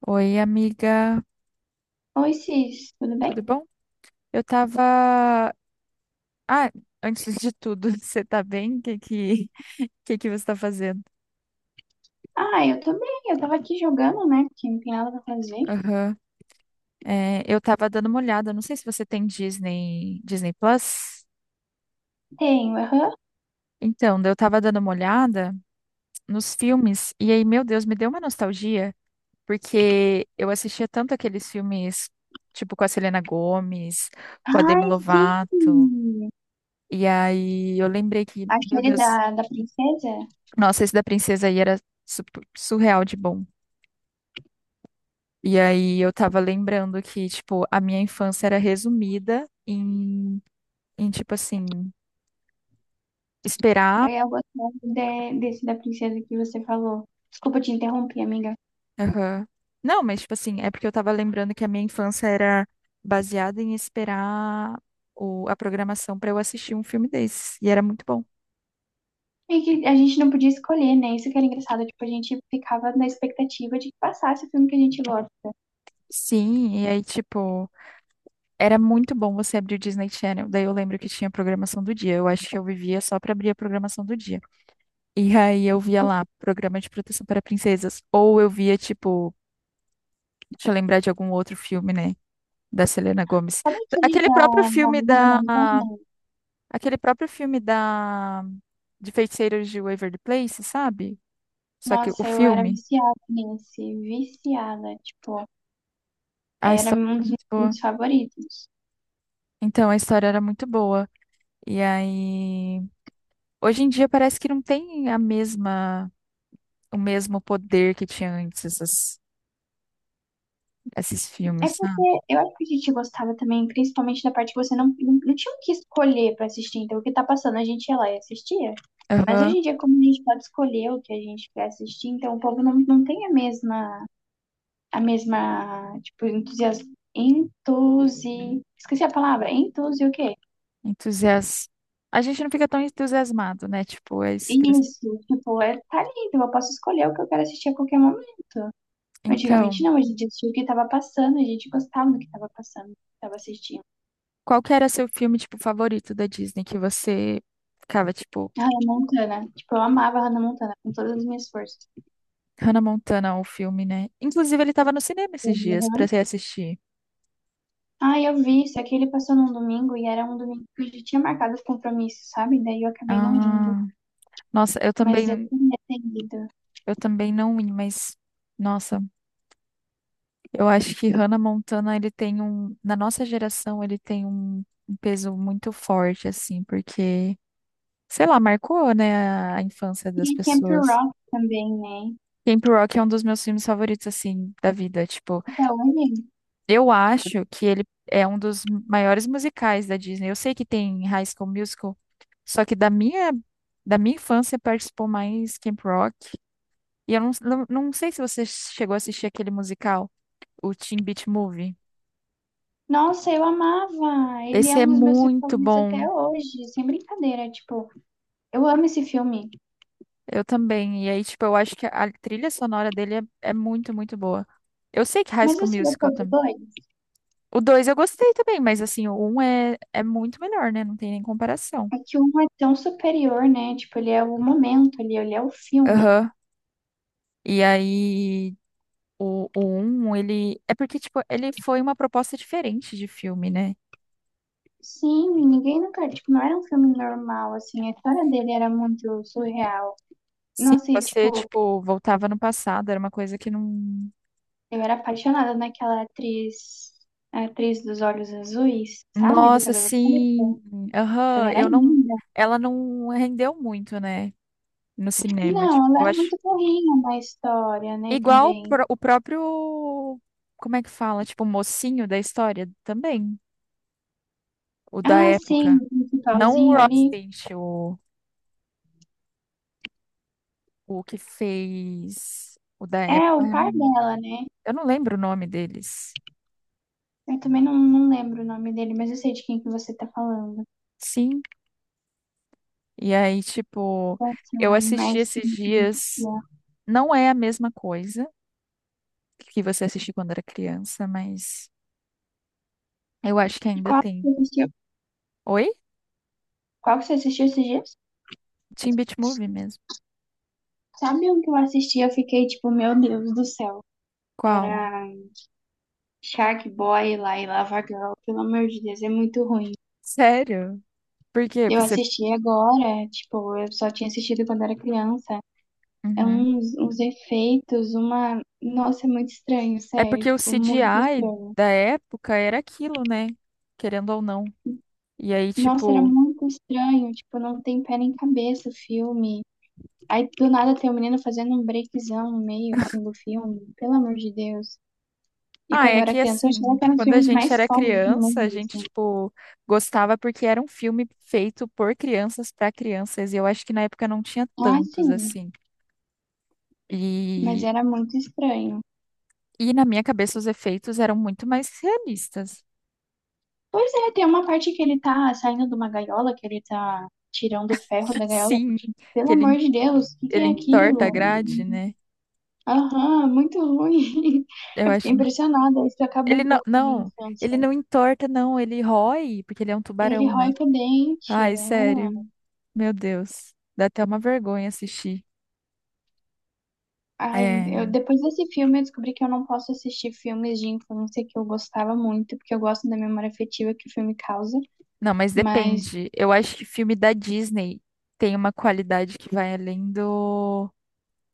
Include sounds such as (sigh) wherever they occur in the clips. Oi, amiga, Oi, Cis, tudo bem? tudo bom? Eu tava. Ah, antes de tudo, (laughs) você tá bem? Que você tá fazendo? Ah, eu tô bem, eu tava aqui jogando, né? Porque não tem nada pra fazer. Aham. É, eu tava dando uma olhada, não sei se você tem Disney, Disney Plus. Tenho, aham. Então, daí eu tava dando uma olhada nos filmes, e aí, meu Deus, me deu uma nostalgia, porque eu assistia tanto aqueles filmes, tipo, com a Selena Gomez, com a Demi Ai, Lovato, sim! e aí eu lembrei que, meu Aquele Deus. da, da princesa? Nossa, esse da princesa aí era su- surreal de bom. E aí eu tava lembrando que, tipo, a minha infância era resumida em tipo assim, esperar. Eu gostava desse da princesa que você falou. Desculpa te interromper, amiga. Aham. Não, mas, tipo assim, é porque eu tava lembrando que a minha infância era baseada em esperar a programação pra eu assistir um filme desse. E era muito bom. É que a gente não podia escolher, né? Isso que era engraçado. Tipo, a gente ficava na expectativa de que passasse o filme que a gente gosta. Sim, e aí, tipo, era muito bom você abrir o Disney Channel. Daí eu lembro que tinha a programação do dia. Eu acho que eu vivia só pra abrir a programação do dia. E aí eu via lá, Programa de Proteção para Princesas. Ou eu via, tipo, deixa eu lembrar de algum outro filme, né? Da Selena Gomez. Sabe aquele Aquele da, próprio da filme Lana da. Não Tornei? Aquele próprio filme da. De Feiticeiros de Waverly Place, sabe? Só que o Nossa, eu era filme, viciada nesse, viciada, tipo. a Era história um era dos meus muito boa. filmes favoritos. Então, a história era muito boa. E aí. Hoje em dia parece que não tem a mesma. O mesmo poder que tinha antes esses É filmes, sabe? porque eu acho que a gente gostava também, principalmente da parte que você não tinha o que escolher pra assistir. Então, o que tá passando, a gente ia lá e assistia. Mas Aham. hoje em dia, como a gente pode escolher o que a gente quer assistir, então o povo não tem a mesma, tipo, entusiasmo. Entusi... Esqueci a palavra. Entusi o quê? Entusias... A gente não fica tão entusiasmado, né? Tipo, é isso que você... Isso, tipo, é, tá ali, então eu posso escolher o que eu quero assistir a qualquer momento. Antigamente Então, não, a gente assistia o que tava passando, a gente gostava do que tava passando, do que tava assistindo. qual que era seu filme, tipo, favorito da Disney que você ficava, tipo, A Hannah Montana. Tipo, eu amava a Hannah Montana com todas as minhas forças. Hannah Montana, o filme, né? Inclusive, ele tava no cinema Eu esses vi dias pra Hannah- você assistir. Ah, eu vi, só que ele passou num domingo e era um domingo que eu já tinha marcado os compromissos, sabe? Daí eu acabei não indo, Ah, nossa, eu mas eu também, tinha atendido. eu também não ia, mas, nossa, eu acho que Hannah Montana, ele tem um, na nossa geração, ele tem um peso muito forte, assim, porque, sei lá, marcou, né, a infância das E Camp pessoas. Rock também, né? Camp Rock é um dos meus filmes favoritos, assim, da vida. Tipo, Até hoje. eu acho que ele é um dos maiores musicais da Disney. Eu sei que tem High School Musical, só que da minha, infância participou mais Camp Rock. E eu não sei se você chegou a assistir aquele musical, o Teen Beach Movie. Nossa, eu amava! Ele é Esse é um dos meus filmes muito favoritos bom. até hoje, sem brincadeira. Tipo, eu amo esse filme. Eu também. E aí, tipo, eu acho que a trilha sonora dele é muito, muito boa. Eu sei que High Mas School você Musical gostou do também. dois? O dois eu gostei também, mas assim, o um é muito melhor, né? Não tem nem comparação. É que um é tão superior, né? Tipo, ele é o momento ali, ele é o filme. Aham. E aí, o um, ele. É porque, tipo, ele foi uma proposta diferente de filme, né? Sim, ninguém nunca, tipo, não era um filme normal, assim, a história dele era muito surreal. Sim, Nossa, e, você, tipo, tipo, voltava no passado, era uma coisa que não. eu era apaixonada naquela atriz, a atriz dos olhos azuis, sabe, do Nossa, cabelo preto. sim. Ela Aham, era eu não. linda. Ela não rendeu muito, né? No cinema. Tipo, Não, ela eu era acho. muito burrinha na história, né, Igual também. O próprio. Como é que fala? Tipo, o mocinho da história também. O da Ah, sim, época. o Não o principalzinho Rod ali Stint, o, que fez o da é época. Ah, o eu par não dela, né? eu não lembro o nome deles. Eu também não lembro o nome dele, mas eu sei de quem que você tá falando. Sim. E aí, tipo, Nossa, eu assisti mas esses sim, sim, sim. dias. Não é a mesma coisa que você assistiu quando era criança, mas eu acho que ainda Qual que tem. você assistiu? Oi? Qual que você assistiu esses dias? Teen Beach Movie mesmo. Sabe um que eu assisti? Eu fiquei tipo, meu Deus do céu. Qual? Era Shark Boy lá e Lava Girl. Pelo amor de Deus, é muito ruim. Sério? Por quê? Eu Você... assisti agora, tipo, eu só tinha assistido quando era criança. É Uhum. Uns efeitos, uma. Nossa, é muito estranho, É sério. porque o Tipo, muito CGI estranho. da época era aquilo, né? Querendo ou não. E aí, Nossa, era tipo. muito estranho. Tipo, não tem pé nem cabeça o filme. Aí do nada tem o um menino fazendo um breakzão no meio, assim, do filme. Pelo amor de Deus. E Ah, quando eu é era que criança, eu achava assim, que eram os quando a filmes gente mais era fodas do criança, a mundo. gente, tipo, gostava porque era um filme feito por crianças para crianças, e eu acho que na época não tinha Ah, tantos, sim, assim. mas E, era muito estranho. e na minha cabeça os efeitos eram muito mais realistas. Pois é, tem uma parte que ele tá saindo de uma gaiola, que ele tá tirando o ferro (laughs) da gaiola. Sim, Pelo que amor ele, de Deus, o que que ele é entorta a aquilo? grade, né? Aham, muito ruim. (laughs) Eu Eu fiquei acho. impressionada, isso acaba Ele um não, pouco com a minha não, ele infância. não entorta, não, ele rói, porque ele é um Ele tubarão, rói né? com o dente. Ai, Ah. sério, meu Deus, dá até uma vergonha assistir. Ai, eu, É. depois desse filme eu descobri que eu não posso assistir filmes de infância que eu gostava muito, porque eu gosto da memória afetiva que o filme causa, Não, mas mas depende. Eu acho que filme da Disney tem uma qualidade que vai além do,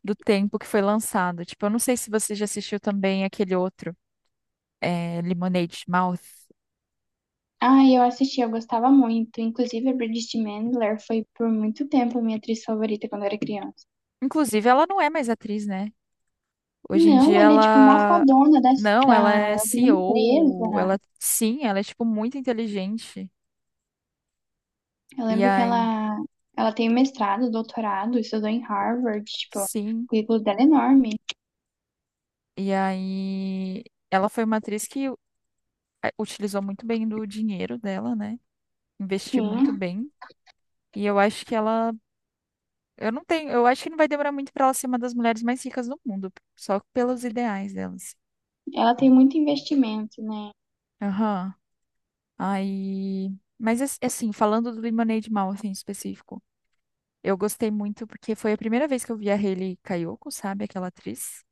do tempo que foi lançado. Tipo, eu não sei se você já assistiu também aquele outro, Lemonade Mouth. Ah, eu assisti, eu gostava muito. Inclusive, a Bridget Mendler foi por muito tempo minha atriz favorita quando eu era criança. Inclusive, ela não é mais atriz, né? Hoje em Não, dia ela é tipo uma ela. fadona Não, ela é de uma CEO. empresa. Ela. Sim, ela é, tipo, muito inteligente. Eu E lembro que aí. Ela tem mestrado, doutorado, estudou em Harvard, tipo, o Sim. currículo dela é enorme. E aí. Ela foi uma atriz que utilizou muito bem do dinheiro dela, né? Investiu muito Sim, bem. E Eu não tenho, eu acho que não vai demorar muito pra ela ser uma das mulheres mais ricas do mundo, só pelos ideais delas. ela tem muito investimento, né? Aham. Aí, mas assim, falando do Lemonade Mouth assim, em específico, eu gostei muito porque foi a primeira vez que eu vi a Hayley Kiyoko, sabe, aquela atriz?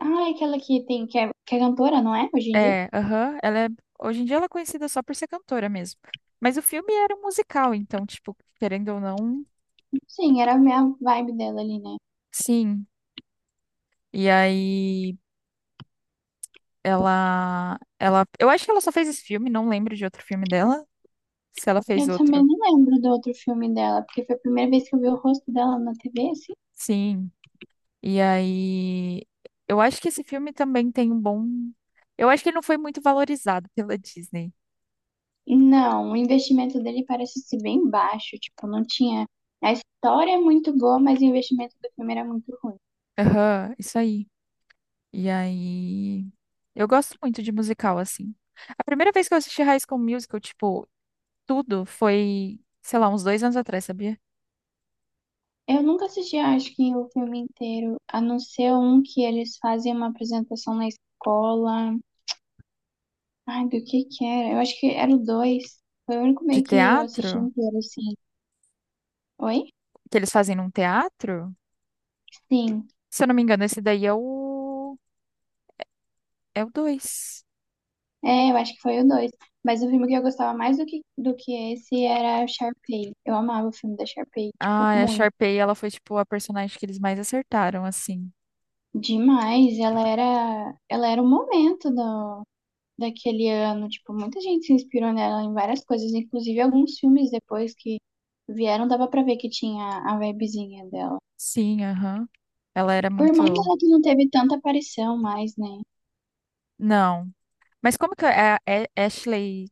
Ah, é aquela que tem, que é cantora, não é? Hoje em dia? É, aham, hoje em dia ela é conhecida só por ser cantora mesmo. Mas o filme era um musical, então, tipo, querendo ou não, Sim, era a minha vibe dela ali, né? sim. E aí ela, eu acho que ela só fez esse filme, não lembro de outro filme dela. Se ela fez Eu também outro. não lembro do outro filme dela, porque foi a primeira vez que eu vi o rosto dela na TV, assim. Sim, e aí eu acho que esse filme também tem um bom. Eu acho que ele não foi muito valorizado pela Disney. Não, o investimento dele parece ser bem baixo, tipo, não tinha. A história é muito boa, mas o investimento do filme era muito ruim. Aham, isso aí. E aí. Eu gosto muito de musical, assim. A primeira vez que eu assisti High School Musical, tipo, tudo foi, sei lá, uns dois anos atrás, sabia? Eu nunca assisti, acho que o filme inteiro, a não ser um que eles fazem uma apresentação na escola. Ai, do que era? Eu acho que era o dois. Foi o único De meio que eu assisti teatro, inteiro, assim. Oi? que eles fazem num teatro. Sim. Se eu não me engano, esse daí é o. É o dois. É, eu acho que foi o dois. Mas o filme que eu gostava mais do que esse era o Sharpay. Eu amava o filme da Sharpay, tipo, Ah, a muito. Sharpay, ela foi, tipo, a personagem que eles mais acertaram, assim. Demais, ela era o momento do, daquele ano, tipo, muita gente se inspirou nela em várias coisas, inclusive alguns filmes depois que vieram, dava pra ver que tinha a vibezinha dela. Sim, aham. Ela era O muito. irmão dela que não teve tanta aparição mais, né? Não. Mas como que é Ashley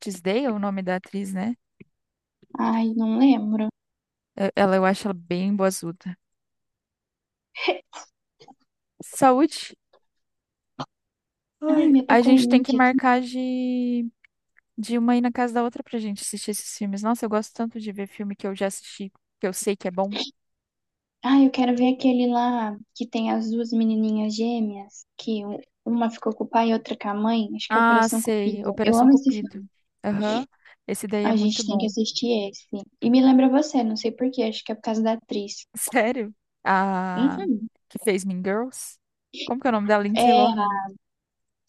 Tisdale, o nome da atriz, né? Ai, não lembro. Ela, eu acho ela bem boazuda. Saúde. Ai, Ai, minha tá a com gente tem que rinite aqui. marcar de, uma ir na casa da outra pra gente assistir esses filmes. Nossa, eu gosto tanto de ver filme que eu já assisti, que eu sei que é bom. Ai, eu quero ver aquele lá que tem as duas menininhas gêmeas, uma ficou com o pai e outra com a mãe, acho que é Ah, Operação sei. Cupido. Eu Operação amo esse Cupido. filme. Aham. Esse daí é A muito gente tem que bom. assistir esse. E me lembra você, não sei por quê, acho que é por causa da atriz. (laughs) Sério? A Uhum. que fez Mean Girls? Como que é o nome da É, Lindsay Lohan?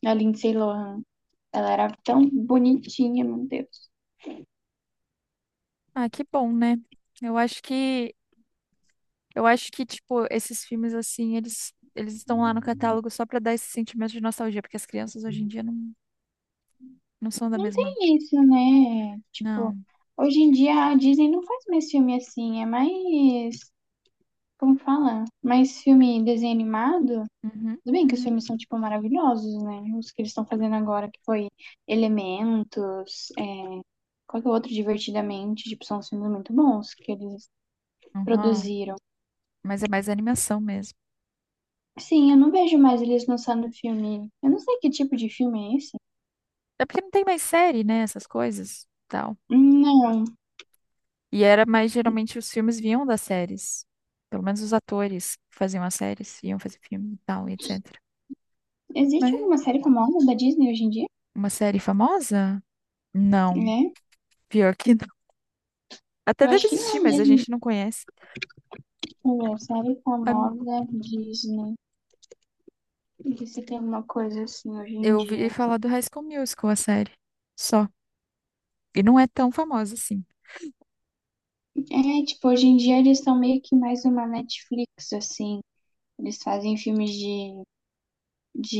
a Lindsay Lohan. Ela era tão bonitinha, meu Deus. Ah, que bom, né? Eu acho que eu acho que tipo esses filmes assim, eles estão lá no catálogo só pra dar esse sentimento de nostalgia, porque as crianças hoje em dia não são da Não mesma. tem isso, né? Tipo, Não. hoje em dia a Disney não faz mais filme assim, é mais, como fala? Mais filme desenho animado. Uhum, Tudo bem que os uhum, filmes são, tipo, maravilhosos, né? Os que eles estão fazendo agora, que foi Elementos, é, qual que é o outro, Divertidamente, tipo, são filmes muito bons que eles uhum. produziram. Mas é mais animação mesmo. Sim, eu não vejo mais eles lançando filme. Eu não sei que tipo de filme é esse. É porque não tem mais série, né, essas coisas, tal. Não. E era mais geralmente os filmes vinham das séries. Pelo menos os atores que faziam as séries, iam fazer filme e tal, e etc. Existe Mas alguma série famosa da Disney hoje em dia? uma série famosa? Não, Né? pior que (laughs) não. Até Eu acho deve que existir, não, mas a mesmo. gente não conhece. É série A- famosa Disney. Não se tem alguma coisa assim hoje em Eu ouvi dia. falar do High School Musical, a série. Só. E não é tão famosa assim. É, tipo, hoje em dia eles são meio que mais uma Netflix, assim. Eles fazem filmes de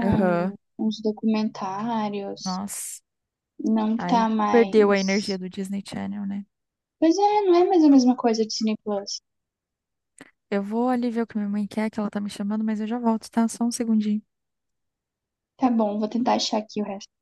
Aham. uns documentários. Nossa. Não tá Aí perdeu a energia mais. do Disney Channel, né? Pois é, não é mais a mesma coisa de Cine Plus. Eu vou ali ver o que minha mãe quer, que ela tá me chamando, mas eu já volto, tá? Só um segundinho. Tá bom, vou tentar achar aqui o resto.